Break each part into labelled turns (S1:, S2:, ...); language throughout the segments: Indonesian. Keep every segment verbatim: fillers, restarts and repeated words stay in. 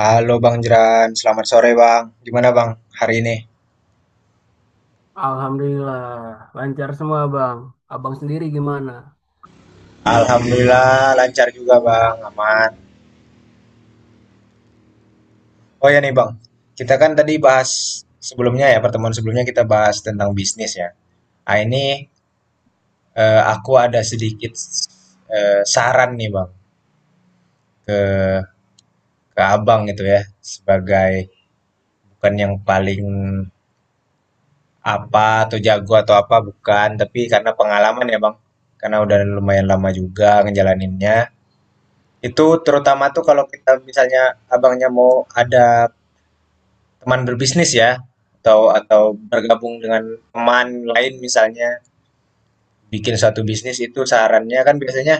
S1: Halo Bang Jeran, selamat sore Bang. Gimana Bang hari ini?
S2: Alhamdulillah, lancar semua Bang. Abang sendiri gimana?
S1: Alhamdulillah lancar juga Bang, aman. Oh ya nih Bang, kita kan tadi bahas sebelumnya ya, pertemuan sebelumnya kita bahas tentang bisnis ya. Ah ini, eh, aku ada sedikit eh, saran nih Bang ke ke Abang gitu ya, sebagai bukan yang paling apa atau jago atau apa bukan, tapi karena pengalaman ya Bang. Karena udah lumayan lama juga ngejalaninnya. Itu terutama tuh kalau kita misalnya Abangnya mau ada teman berbisnis ya, atau atau bergabung dengan teman lain misalnya bikin suatu bisnis itu sarannya kan biasanya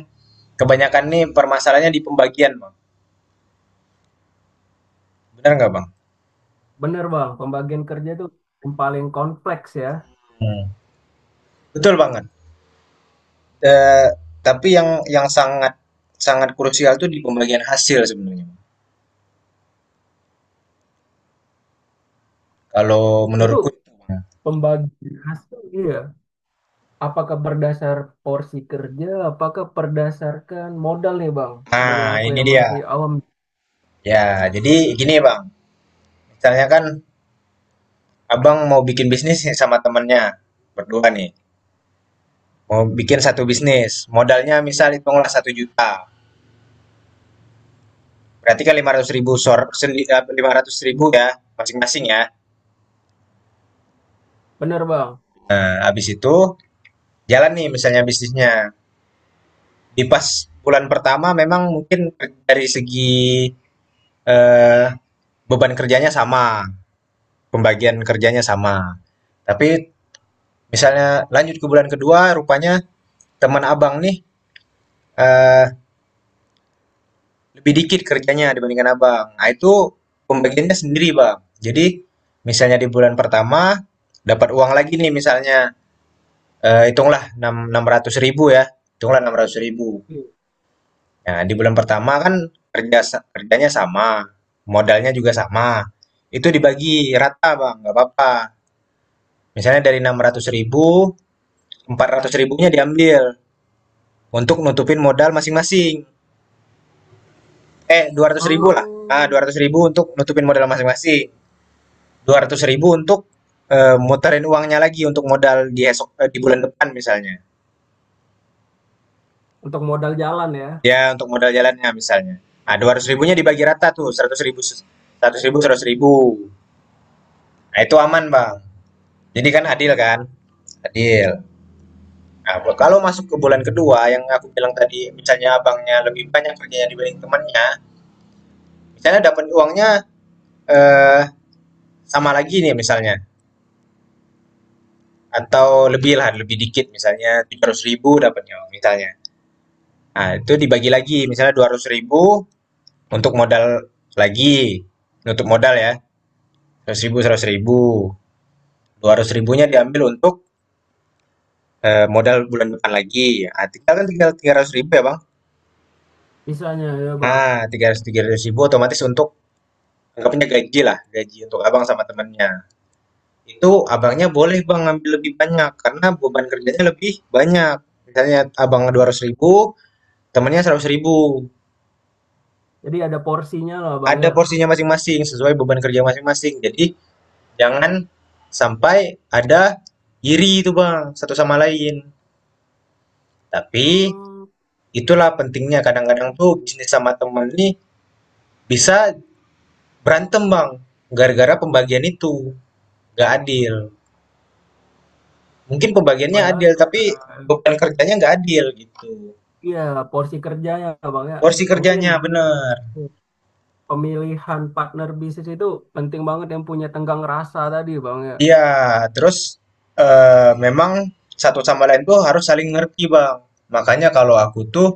S1: kebanyakan nih permasalahannya di pembagian, Bang. Benar nggak, Bang?
S2: Bener Bang, pembagian kerja itu yang paling kompleks ya.
S1: Hmm. Betul banget. Eh, tapi yang yang sangat sangat krusial tuh di pembagian hasil sebenarnya, Bang. Kalau
S2: Itu
S1: menurutku itu, Bang.
S2: pembagian hasil iya. Apakah berdasar porsi kerja, apakah berdasarkan modal nih Bang? Sebagai
S1: Nah,
S2: aku
S1: ini
S2: yang
S1: dia.
S2: masih awam.
S1: Ya, jadi gini, Bang. Misalnya kan Abang mau bikin bisnis sama temennya berdua nih. Mau bikin satu bisnis, modalnya misal hitunglah satu juta berarti kan lima ratus ribu sor
S2: Iya,
S1: lima ratus ribu ya, masing-masing ya.
S2: bener Bang.
S1: Nah, habis itu jalan nih misalnya bisnisnya, di pas bulan pertama memang mungkin dari segi, eee, beban kerjanya sama, pembagian kerjanya sama. Tapi misalnya lanjut ke bulan kedua rupanya teman Abang nih, eee lebih dikit kerjanya dibandingkan abang. Nah, itu pembagiannya sendiri, Bang. Jadi, misalnya di bulan pertama dapat uang lagi nih misalnya eh, hitunglah enam ratus ribu ya. Hitunglah enam ratus ribu.
S2: Iya.
S1: Nah, di bulan pertama kan kerja kerjanya sama, modalnya juga sama. Itu dibagi rata, Bang. Nggak apa-apa. Misalnya dari enam ratus ribu, empat ratus ribunya diambil untuk nutupin modal masing-masing. Eh, dua ratus ribu lah. Ah, dua
S2: Hmm,
S1: ratus ribu untuk nutupin modal masing-masing. Dua ratus ribu untuk eh, muterin uangnya lagi untuk modal di esok eh, di bulan depan misalnya.
S2: untuk modal jalan ya,
S1: Ya, untuk modal jalannya misalnya. Nah, dua ratus ribunya dibagi rata tuh, seratus ribu, seratus ribu, seratus ribu. Nah, itu aman, Bang. Jadi kan adil kan? Adil. Nah, kalau masuk ke bulan kedua yang aku bilang tadi, misalnya abangnya lebih banyak kerjanya dibanding temannya, misalnya dapat uangnya eh sama lagi nih misalnya atau lebih lah, lebih dikit misalnya tujuh ratus ribu dapatnya misalnya. Nah, itu dibagi lagi misalnya dua ratus ribu untuk modal lagi, nutup modal ya, seratus ribu seratus ribu, dua ratus ribunya diambil untuk, eee, modal bulan depan lagi. Ah, tinggal kan tinggal tiga ratus ribu ya, Bang?
S2: misalnya ya Bang.
S1: Nah, tiga ratus ribu, otomatis untuk anggapnya gajilah, gaji untuk Abang sama temennya. Itu Abangnya boleh Bang ngambil lebih banyak karena beban kerjanya lebih banyak. Misalnya Abang dua
S2: Hmm,
S1: ratus ribu, temennya seratus ribu.
S2: jadi ada porsinya lah Bang
S1: Ada
S2: ya.
S1: porsinya masing-masing sesuai beban kerja masing-masing. Jadi jangan sampai ada iri itu Bang, satu sama lain. Tapi
S2: Hmm,
S1: itulah pentingnya kadang-kadang tuh bisnis sama temen nih bisa berantem Bang, gara-gara pembagian itu nggak adil. Mungkin pembagiannya
S2: padahal
S1: adil, tapi
S2: secara,
S1: beban kerjanya nggak adil gitu.
S2: iya, porsi kerjanya Bang ya.
S1: Porsi
S2: Mungkin
S1: kerjanya bener.
S2: pemilihan partner bisnis itu penting banget yang punya tenggang rasa tadi Bang ya.
S1: Iya, terus eh, memang satu sama lain tuh harus saling ngerti Bang. Makanya kalau aku tuh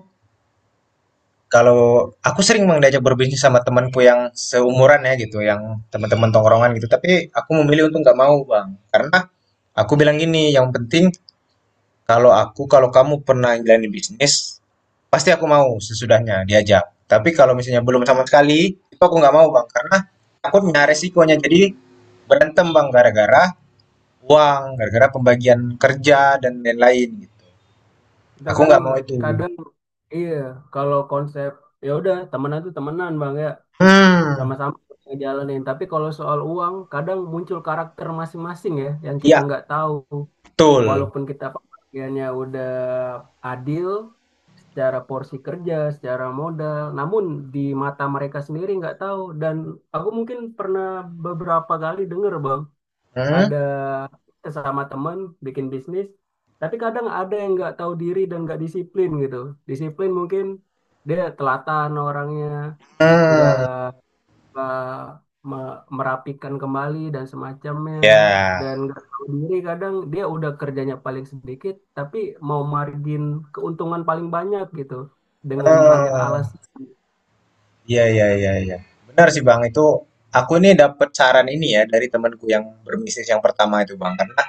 S1: kalau aku sering Bang diajak berbisnis sama temanku yang seumuran ya gitu, yang teman-teman tongkrongan gitu. Tapi aku memilih untuk nggak mau Bang, karena aku bilang gini, yang penting kalau aku, kalau kamu pernah jalanin bisnis, pasti aku mau sesudahnya diajak. Tapi kalau misalnya belum sama sekali, itu aku nggak mau Bang, karena takutnya resikonya jadi berantem Bang gara-gara uang, gara-gara pembagian kerja dan
S2: Hmm.
S1: lain-lain gitu.
S2: Kita
S1: Aku
S2: kan
S1: nggak mau itu.
S2: kadang iya kalau konsep ya udah temenan tuh temenan Bang ya,
S1: Hmm,
S2: sama-sama ngejalanin. Tapi kalau soal uang kadang muncul karakter masing-masing ya yang kita
S1: ya
S2: nggak tahu.
S1: betul.
S2: Walaupun kita pembagiannya udah adil secara porsi kerja, secara modal, namun di mata mereka sendiri nggak tahu. Dan aku mungkin pernah beberapa kali dengar Bang
S1: Hmm,
S2: ada sesama teman bikin bisnis, tapi kadang ada yang nggak tahu diri dan nggak disiplin gitu. Disiplin mungkin dia telatan orangnya, nggak
S1: hmm.
S2: eh, me- merapikan kembali dan semacamnya,
S1: Ya,
S2: dan nggak tahu diri kadang dia udah kerjanya paling sedikit, tapi mau margin keuntungan paling banyak gitu dengan banyak
S1: ah,
S2: alasan.
S1: iya, iya, iya, iya. Benar sih Bang, itu aku nih dapet saran ini ya dari temanku yang berbisnis yang pertama itu Bang. Karena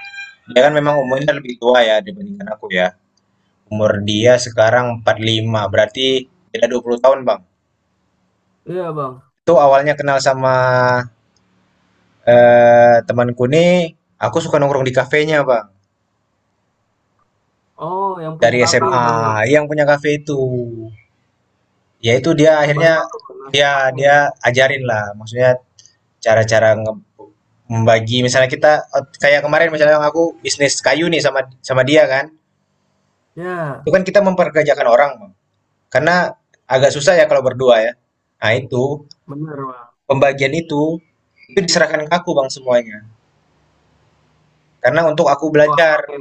S1: dia kan memang umurnya lebih tua ya dibandingkan aku ya. Umur dia sekarang empat puluh lima berarti beda dua puluh tahun Bang.
S2: Iya Bang.
S1: Itu awalnya kenal sama eh, temanku nih, aku suka nongkrong di kafenya Bang.
S2: Oh, yang
S1: Dari
S2: punya kafe Bang ya.
S1: S M A, yang punya kafe itu. Ya itu dia akhirnya
S2: Banyak tuh
S1: dia
S2: nasihatnya.
S1: dia ajarin lah, maksudnya cara-cara nge membagi misalnya kita et kayak kemarin misalnya aku bisnis kayu nih sama sama dia kan. Itu
S2: Ya,
S1: kan kita memperkerjakan orang, Bang. Karena agak susah ya kalau berdua ya. Nah, itu
S2: bener Bang.
S1: pembagian itu itu diserahkan ke aku, Bang, semuanya. Karena untuk aku
S2: Wah,
S1: belajar.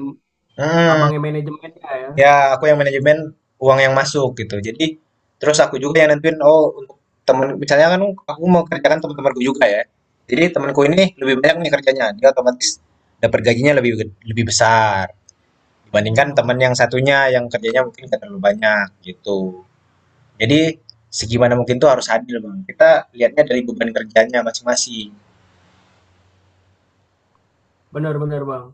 S1: Mhm.
S2: abangnya manajemennya ya.
S1: Ya, aku yang manajemen uang yang masuk gitu. Jadi terus aku juga yang nentuin oh untuk temen misalnya kan aku mau kerjakan teman-temanku juga ya. Jadi temanku ini lebih banyak nih kerjanya, dia otomatis dapat gajinya lebih ged- lebih besar dibandingkan teman
S2: Hmm,
S1: yang satunya yang kerjanya mungkin gak terlalu banyak gitu. Jadi segimana mungkin tuh harus adil bang. Kita lihatnya dari beban kerjanya masing-masing.
S2: benar-benar Bang.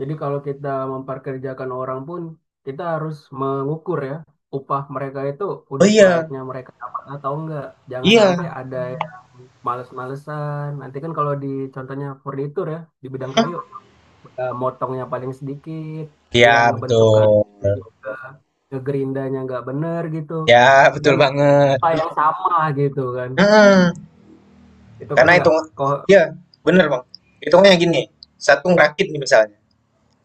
S2: Jadi kalau kita memperkerjakan orang pun kita harus mengukur ya upah mereka itu
S1: Oh
S2: udah
S1: iya,
S2: selayaknya mereka dapat atau enggak. Jangan
S1: iya,
S2: sampai ada yang males-malesan. Nanti kan kalau di contohnya furnitur ya di bidang kayu eh, motongnya paling sedikit, dia
S1: iya
S2: ngebentukkan
S1: betul,
S2: dia juga ngegerindanya nggak bener gitu.
S1: ya betul
S2: Dan
S1: banget.
S2: upah yang sama gitu kan.
S1: Hmm.
S2: Itu kan
S1: Karena
S2: nggak
S1: hitung
S2: kok.
S1: Iya, bener, Bang. Hitungnya gini, satu ngerakit nih misalnya,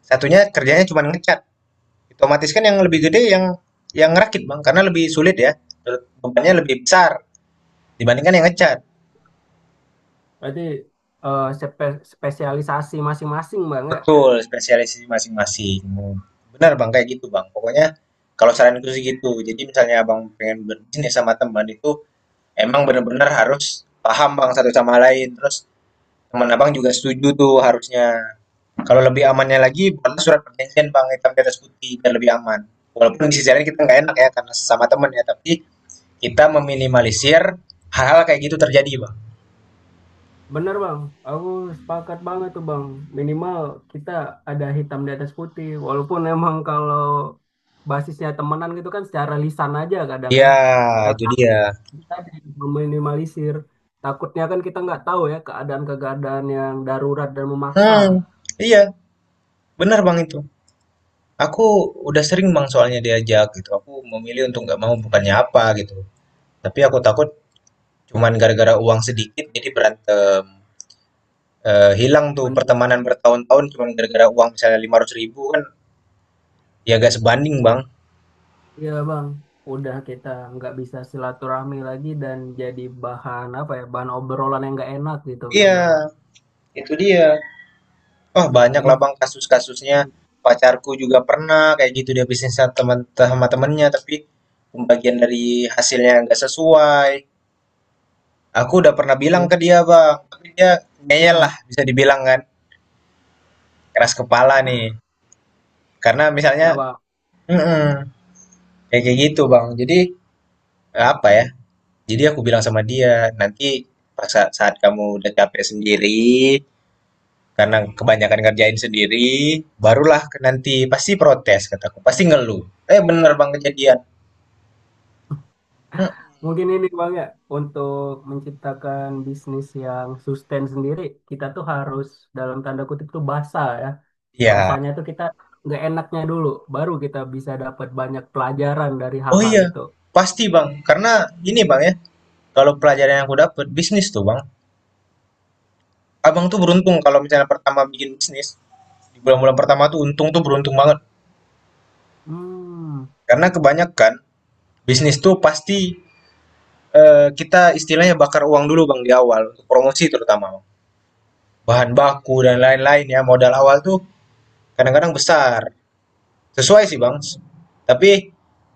S1: satunya kerjanya cuma ngecat. Otomatis kan yang lebih gede yang yang ngerakit, Bang, karena lebih sulit ya. Bebannya lebih besar dibandingkan yang ngecat.
S2: Berarti eh, spe- spesialisasi masing-masing Bang ya.
S1: Betul, spesialisasi masing-masing. Benar, Bang, kayak gitu, Bang. Pokoknya kalau saranku sih gitu. Jadi misalnya Abang pengen berbisnis sama teman itu emang bener-bener harus paham Bang satu sama lain. Terus teman Abang juga setuju tuh harusnya. Kalau lebih amannya lagi buatlah surat perjanjian, Bang, hitam di atas putih biar lebih aman. Walaupun di sisi lain kita nggak enak ya karena sesama temen ya, tapi kita meminimalisir hal-hal kayak gitu terjadi, Bang.
S2: Bener Bang, aku sepakat banget tuh Bang. Minimal kita ada hitam di atas putih. Walaupun emang kalau basisnya temenan gitu kan secara lisan aja kadang
S1: Iya,
S2: ya.
S1: itu
S2: Tapi
S1: dia.
S2: kita meminimalisir. Takutnya kan kita nggak tahu ya keadaan-keadaan yang darurat dan memaksa.
S1: Hmm, iya, benar Bang itu. Aku udah sering Bang soalnya diajak gitu. Aku memilih untuk nggak mau bukannya apa gitu. Tapi aku takut cuman gara-gara uang sedikit jadi berantem. Eh, hilang tuh
S2: Bener.
S1: pertemanan bertahun-tahun cuman gara-gara uang misalnya lima ratus ribu kan ya gak sebanding Bang.
S2: Iya Bang, udah kita nggak bisa silaturahmi lagi dan jadi bahan apa ya, bahan obrolan yang nggak enak gitu
S1: Iya,
S2: kadang.
S1: itu dia. Oh, banyak
S2: Jadi
S1: lah Bang kasus-kasusnya. Pacarku juga pernah kayak gitu dia bisnis sama teman sama temennya tapi pembagian dari hasilnya nggak sesuai. Aku udah pernah bilang ke
S2: ya
S1: dia Bang, tapi dia ngeyel
S2: hmm,
S1: lah bisa dibilang kan keras kepala nih. Karena
S2: nggak
S1: misalnya
S2: apa.
S1: mm-mm, kayak kayak gitu Bang. Jadi apa ya? Jadi aku bilang sama dia nanti pas sa- saat kamu udah capek sendiri karena kebanyakan ngerjain sendiri barulah ke- nanti pasti protes kataku pasti ngeluh. Eh, bener bang, kejadian. Hmm,
S2: Mungkin ini Bang ya untuk menciptakan bisnis yang sustain sendiri kita tuh harus dalam tanda kutip tuh basah ya.
S1: ya,
S2: Basahnya tuh kita nggak enaknya dulu, baru kita bisa dapat banyak pelajaran dari
S1: oh
S2: hal-hal
S1: iya,
S2: itu.
S1: pasti bang. Karena ini bang ya, kalau pelajaran yang aku dapat bisnis tuh bang. Abang tuh beruntung kalau misalnya pertama bikin bisnis di bulan-bulan pertama tuh untung tuh beruntung banget.
S2: Hmm,
S1: Karena kebanyakan bisnis tuh pasti eh, kita istilahnya bakar uang dulu bang di awal untuk promosi terutama bang. Bahan baku dan lain-lain ya modal awal tuh kadang-kadang besar. Sesuai sih bang. Tapi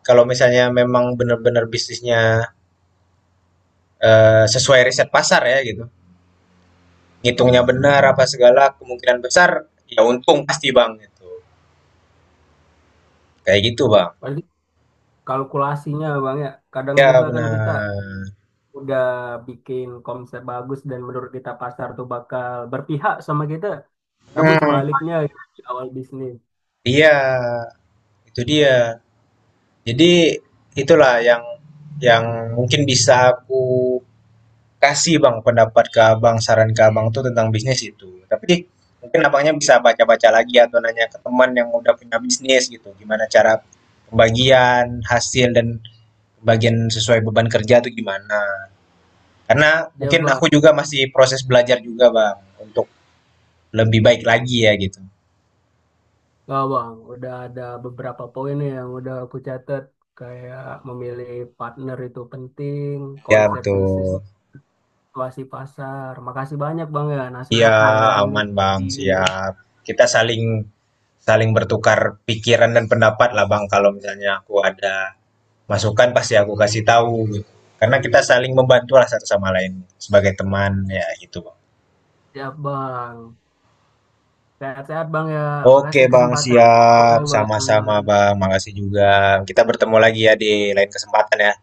S1: kalau misalnya memang benar-benar bisnisnya eh, sesuai riset pasar ya gitu. Ngitungnya benar apa segala kemungkinan besar ya untung pasti bang gitu kayak gitu bang
S2: berarti kalkulasinya Bang ya. Kadang
S1: ya
S2: juga kan kita
S1: benar.
S2: udah bikin konsep bagus dan menurut kita pasar tuh bakal berpihak sama kita. Namun
S1: Hmm,
S2: sebaliknya gitu, di awal bisnis.
S1: iya, itu dia. Jadi itulah yang yang mungkin bisa aku kasih bang pendapat ke abang saran ke abang tuh tentang bisnis itu tapi mungkin abangnya bisa baca-baca lagi atau nanya ke teman yang udah punya bisnis gitu gimana cara pembagian hasil dan pembagian sesuai beban kerja tuh gimana. Karena
S2: Ya,
S1: mungkin
S2: Bang.
S1: aku juga masih proses belajar juga, Bang, untuk lebih baik lagi ya gitu.
S2: Wah, Bang, udah ada beberapa poin nih yang udah aku catat, kayak memilih partner itu penting,
S1: Ya
S2: konsep bisnis
S1: betul.
S2: masih pasar. Makasih banyak, Bang, ya,
S1: Iya,
S2: nasihat dan ini
S1: aman, Bang,
S2: ide.
S1: siap. Kita saling saling bertukar pikiran dan pendapat lah, Bang. Kalau misalnya aku ada masukan pasti aku kasih tahu gitu. Karena kita saling membantu lah satu sama lain sebagai teman ya gitu, Bang.
S2: Siap, Bang. Sehat-sehat, Bang, ya.
S1: Oke,
S2: Makasih
S1: Bang,
S2: kesempatan
S1: siap.
S2: ngobrolnya,
S1: Sama-sama,
S2: Bang.
S1: Bang. Makasih juga. Kita bertemu lagi ya di lain kesempatan ya.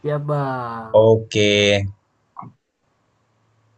S2: Siap, Bang.
S1: Oke.